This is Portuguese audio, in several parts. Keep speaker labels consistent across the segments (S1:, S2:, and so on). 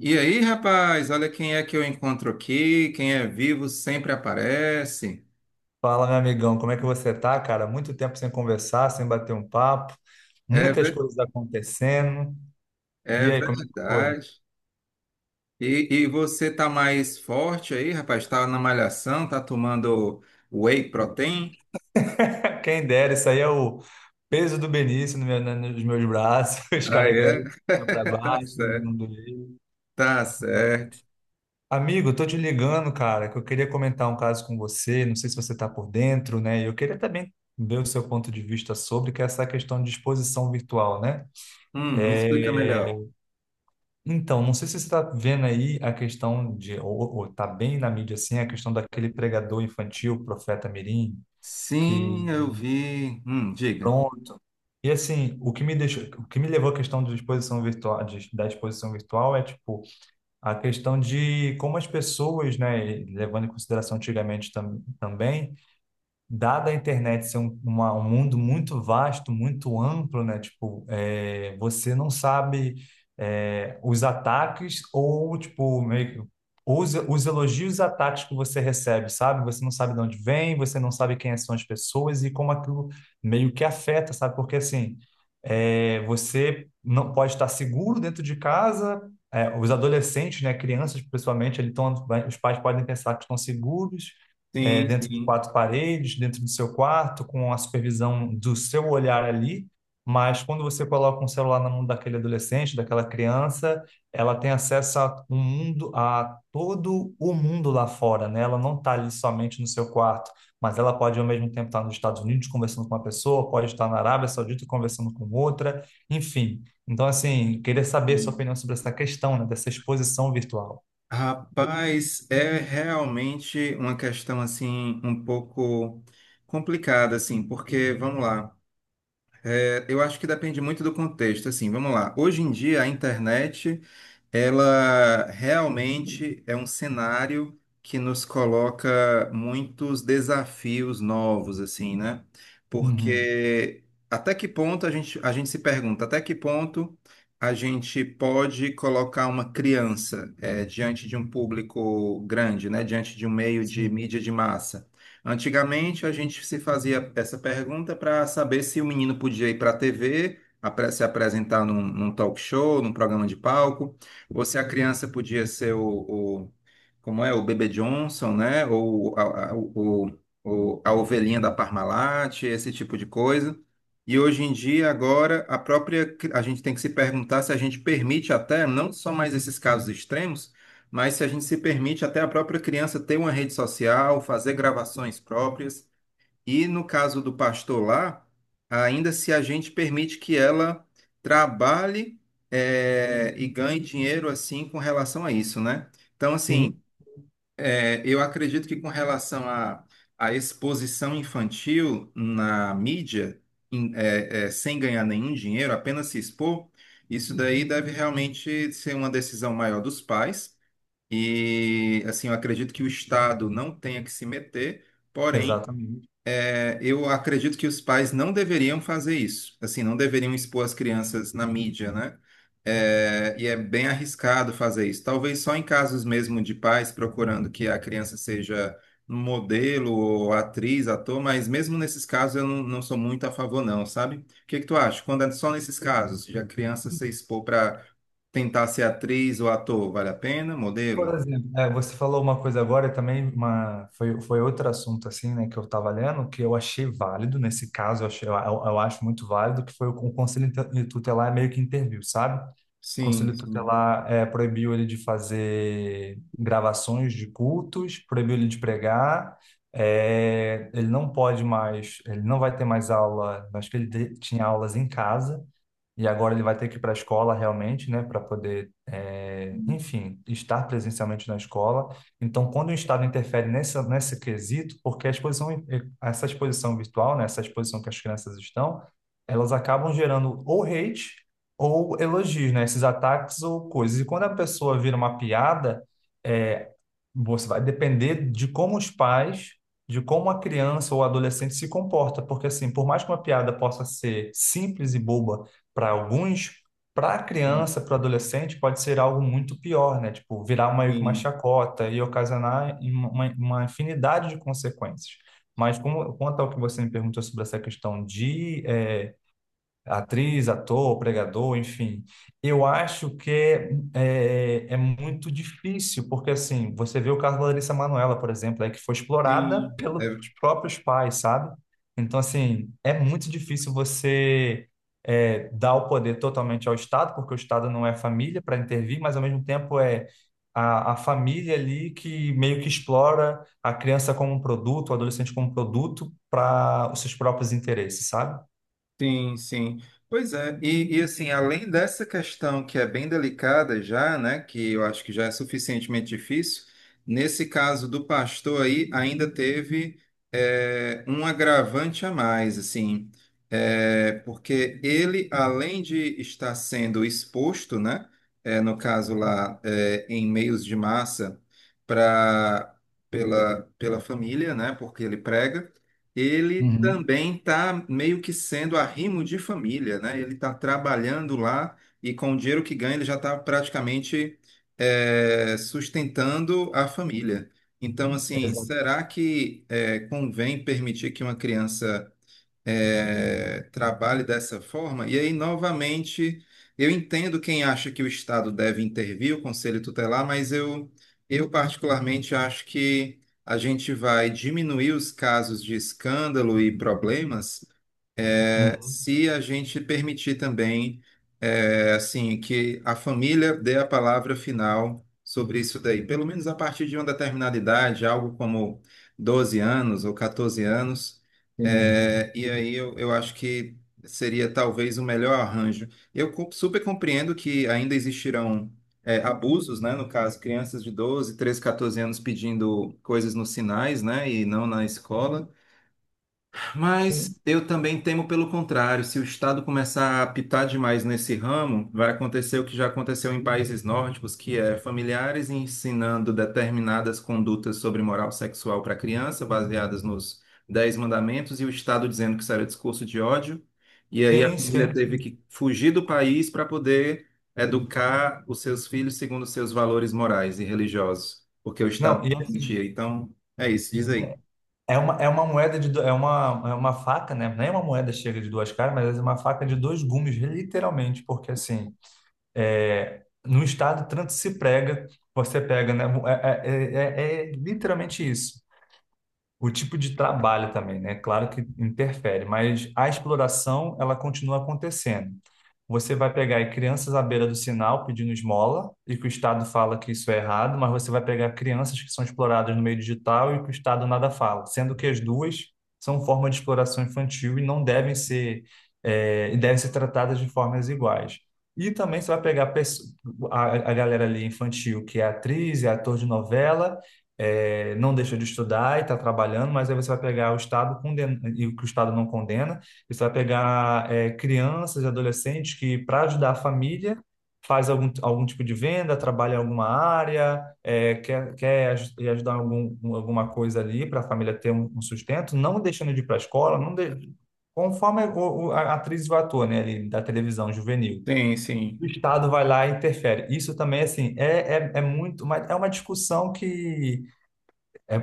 S1: E aí, rapaz, olha quem é que eu encontro aqui. Quem é vivo sempre aparece.
S2: Fala, meu amigão, como é que você tá, cara? Muito tempo sem conversar, sem bater um papo,
S1: É,
S2: muitas coisas acontecendo.
S1: é
S2: E aí, como é que foi?
S1: verdade. E você tá mais forte aí, rapaz? Tá na malhação, tá tomando whey protein?
S2: Quem dera, isso aí é o peso do Benício no meu- na- nos meus braços,
S1: Ah,
S2: carregando
S1: é?
S2: ele para
S1: Tá
S2: baixo,
S1: certo.
S2: não doeu.
S1: Tá certo.
S2: Amigo, eu tô te ligando, cara, que eu queria comentar um caso com você, não sei se você está por dentro, né? E eu queria também ver o seu ponto de vista sobre, que é essa questão de exposição virtual, né?
S1: Me explica
S2: É,
S1: melhor.
S2: então, não sei se você está vendo aí a questão ou tá bem na mídia assim, a questão daquele pregador infantil, profeta Mirim, que
S1: Sim, eu vi. Diga.
S2: pronto. E assim, o que me levou à questão de exposição virtual, da exposição virtual é tipo a questão de como as pessoas, né, levando em consideração antigamente também dada a internet ser um mundo muito vasto, muito amplo, né? Tipo, você não sabe os ataques ou, tipo, meio que os elogios e os ataques que você recebe, sabe? Você não sabe de onde vem, você não sabe quem são as pessoas e como aquilo meio que afeta, sabe? Porque, assim, você não pode estar seguro dentro de casa, os adolescentes, né, crianças, principalmente, eles tão, os pais podem pensar que estão seguros,
S1: Sim,
S2: dentro de
S1: sim.
S2: quatro paredes, dentro do seu quarto, com a supervisão do seu olhar ali. Mas quando você coloca um celular na mão daquele adolescente, daquela criança, ela tem acesso a um mundo, a todo o mundo lá fora, né? Ela não está ali somente no seu quarto, mas ela pode ao mesmo tempo estar nos Estados Unidos conversando com uma pessoa, pode estar na Arábia Saudita conversando com outra, enfim. Então, assim, queria saber sua
S1: Sim.
S2: opinião sobre essa questão, né, dessa exposição virtual.
S1: Rapaz, é realmente uma questão assim um pouco complicada assim, porque vamos lá, eu acho que depende muito do contexto assim, vamos lá. Hoje em dia a internet ela realmente é um cenário que nos coloca muitos desafios novos, assim, né?
S2: Uhum.
S1: Porque até que ponto a gente se pergunta, até que ponto a gente pode colocar uma criança diante de um público grande, né? Diante de um meio de
S2: Sim.
S1: mídia de massa? Antigamente a gente se fazia essa pergunta para saber se o menino podia ir para a TV, se apresentar num talk show, num programa de palco. Ou se a criança podia ser como é, o Bebê Johnson, né? Ou a ovelhinha da Parmalat, esse tipo de coisa. E hoje em dia, agora, a gente tem que se perguntar se a gente permite até, não só mais esses casos extremos, mas se a gente se permite até a própria criança ter uma rede social, fazer gravações próprias. E no caso do pastor lá, ainda se a gente permite que ela trabalhe e ganhe dinheiro assim com relação a isso, né? Então, assim,
S2: Sim,
S1: eu acredito que com relação à exposição infantil na mídia, sem ganhar nenhum dinheiro, apenas se expor, isso daí deve realmente ser uma decisão maior dos pais. E, assim, eu acredito que o Estado não tenha que se meter. Porém,
S2: exatamente.
S1: eu acredito que os pais não deveriam fazer isso, assim, não deveriam expor as crianças na mídia, né? É, e é bem arriscado fazer isso. Talvez só em casos mesmo de pais procurando que a criança seja modelo ou atriz, ator, mas mesmo nesses casos eu não sou muito a favor, não, sabe? O que que tu acha? Quando é só nesses casos, de a criança se expor para tentar ser atriz ou ator, vale a pena?
S2: Por
S1: Modelo?
S2: exemplo, você falou uma coisa agora e também foi outro assunto assim, né, que eu estava lendo, que eu achei válido, nesse caso, eu acho muito válido, que foi o Conselho Tutelar meio que interviu, sabe? O
S1: Sim,
S2: Conselho
S1: sim.
S2: Tutelar proibiu ele de fazer gravações de cultos, proibiu ele de pregar, ele não pode mais, ele não vai ter mais aula, acho que ele tinha aulas em casa, e agora ele vai ter que ir para a escola realmente, né, para poder, enfim, estar presencialmente na escola. Então, quando o Estado interfere nesse quesito, porque a exposição, essa exposição virtual, né, essa exposição que as crianças estão, elas acabam gerando ou hate ou elogios, né, esses ataques ou coisas. E quando a pessoa vira uma piada, eh, você vai depender de como os pais, de como a criança ou adolescente se comporta. Porque, assim, por mais que uma piada possa ser simples e boba, para alguns, para a
S1: Sim,
S2: criança, para o adolescente, pode ser algo muito pior, né? Tipo, virar uma que uma
S1: sim,
S2: chacota e ocasionar em uma infinidade de consequências. Mas como, quanto ao que você me perguntou sobre essa questão de atriz, ator, pregador, enfim. Eu acho que é muito difícil, porque assim, você vê o caso da Larissa Manoela, por exemplo, é que foi explorada
S1: sim.
S2: pelos
S1: É,
S2: próprios pais, sabe? Então, assim, é muito difícil você dar o poder totalmente ao Estado, porque o Estado não é família para intervir, mas ao mesmo tempo é a família ali que meio que explora a criança como um produto, o adolescente como um produto para os seus próprios interesses, sabe?
S1: sim, sim. Pois é, e assim, além dessa questão que é bem delicada já, né, que eu acho que já é suficientemente difícil, nesse caso do pastor aí ainda teve um agravante a mais, assim, porque ele, além de estar sendo exposto, né, no caso lá, em meios de massa, para pela família, né, porque ele prega, ele
S2: Uhum.
S1: também está meio que sendo arrimo de família, né? Ele está trabalhando lá e com o dinheiro que ganha ele já está praticamente sustentando a família. Então, assim,
S2: Exato.
S1: será que convém permitir que uma criança trabalhe dessa forma. E aí, novamente, eu entendo quem acha que o Estado deve intervir, o Conselho Tutelar, mas eu particularmente acho que a gente vai diminuir os casos de escândalo e problemas
S2: Uhum.
S1: se a gente permitir também, assim, que a família dê a palavra final sobre isso daí, pelo menos a partir de uma determinada idade, algo como 12 anos ou 14 anos,
S2: Sim.
S1: e aí eu acho que seria talvez o melhor arranjo. Eu super compreendo que ainda existirão abusos, né? No caso, crianças de 12, 13, 14 anos pedindo coisas nos sinais, né? E não na escola.
S2: Sim,
S1: Mas eu também temo pelo contrário. Se o Estado começar a pitar demais nesse ramo, vai acontecer o que já aconteceu em países nórdicos, que é familiares ensinando determinadas condutas sobre moral sexual para criança, baseadas nos Dez Mandamentos, e o Estado dizendo que isso era discurso de ódio. E aí a
S2: sim,
S1: família
S2: sim.
S1: teve
S2: Sim.
S1: que fugir do país para poder educar os seus filhos segundo os seus valores morais e religiosos, porque o Estado
S2: Não,
S1: não
S2: e assim,
S1: permitia. Então, é isso, diz aí.
S2: é uma moeda de, do- é uma faca, né? Nem é uma moeda chega de duas caras, mas é uma faca de dois gumes, literalmente, porque assim, no estado tanto se prega, você pega, né? É literalmente isso. O tipo de trabalho também, né? Claro que interfere, mas a exploração ela continua acontecendo. Você vai pegar aí crianças à beira do sinal pedindo esmola e que o Estado fala que isso é errado, mas você vai pegar crianças que são exploradas no meio digital e que o Estado nada fala, sendo que as duas são forma de exploração infantil e não devem ser e devem ser tratadas de formas iguais. E também você vai pegar a, a galera ali infantil que é atriz, é ator de novela não deixou de estudar e está trabalhando, mas aí você vai pegar o Estado condena, e o que o Estado não condena, e você vai pegar crianças e adolescentes que, para ajudar a família, faz algum tipo de venda, trabalha em alguma área, quer ajudar em alguma coisa ali para a família ter um sustento, não deixando de ir para a escola, não conforme a atriz vai ator, né, ali, da televisão juvenil.
S1: Sim, sim.
S2: O Estado vai lá e interfere. Isso também, assim, é muito. Mas é uma discussão que é,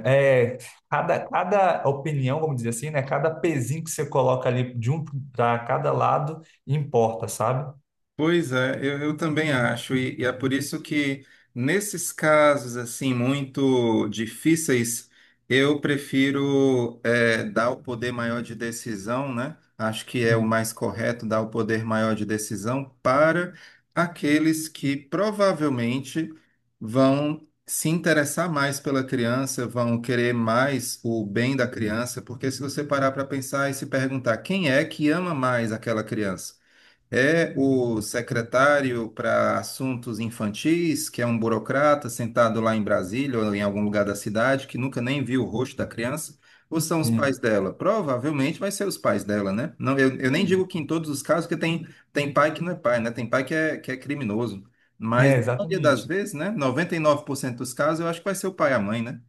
S2: é, cada opinião, vamos dizer assim, né? Cada pezinho que você coloca ali de um para cada lado importa, sabe?
S1: Pois é, eu também acho, e é por isso que nesses casos assim muito difíceis, eu prefiro dar o poder maior de decisão, né? Acho que é o
S2: Uhum.
S1: mais correto dar o poder maior de decisão para aqueles que provavelmente vão se interessar mais pela criança, vão querer mais o bem da criança, porque se você parar para pensar e se perguntar quem é que ama mais aquela criança? É o secretário para assuntos infantis, que é um burocrata sentado lá em Brasília ou em algum lugar da cidade que nunca nem viu o rosto da criança, ou são os pais
S2: Sim,
S1: dela? Provavelmente vai ser os pais dela, né? Não, eu nem
S2: sim.
S1: digo que em todos os casos, porque tem pai que não é pai, né? Tem pai que é criminoso. Mas
S2: É,
S1: na maioria das
S2: exatamente.
S1: vezes, né? 99% dos casos, eu acho que vai ser o pai e a mãe, né?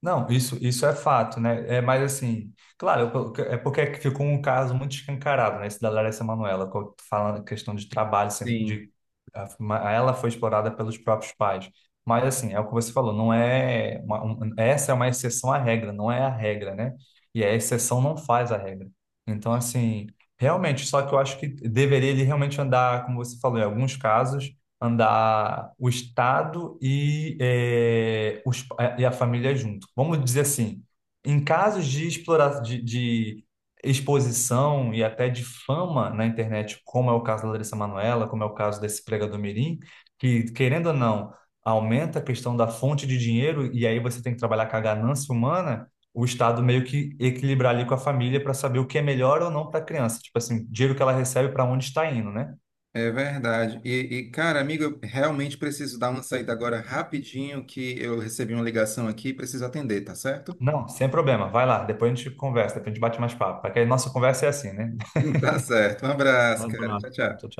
S2: Não, isso é fato, né? É, mas assim, claro, é porque ficou um caso muito escancarado, né? Esse da Larissa Manoela, falando a questão de trabalho, assim,
S1: Sim.
S2: ela foi explorada pelos próprios pais. Mas assim, é o que você falou, não é uma, essa é uma exceção à regra, não é a regra, né? E a exceção não faz a regra. Então, assim, realmente, só que eu acho que deveria ele realmente andar, como você falou, em alguns casos andar o Estado e, e a família junto. Vamos dizer assim, em casos de exploração, de exposição e até de fama na internet, como é o caso da Larissa Manoela, como é o caso desse pregador mirim, que, querendo ou não, aumenta a questão da fonte de dinheiro e aí você tem que trabalhar com a ganância humana, o Estado meio que equilibrar ali com a família para saber o que é melhor ou não para a criança. Tipo assim, dinheiro que ela recebe para onde está indo, né?
S1: É verdade. E, cara, amigo, eu realmente preciso dar uma saída agora rapidinho, que eu recebi uma ligação aqui e preciso atender, tá certo?
S2: Não, sem problema. Vai lá, depois a gente conversa, depois a gente bate mais papo. Porque a nossa conversa é assim, né?
S1: Tá certo. Um abraço, cara. Tchau, tchau.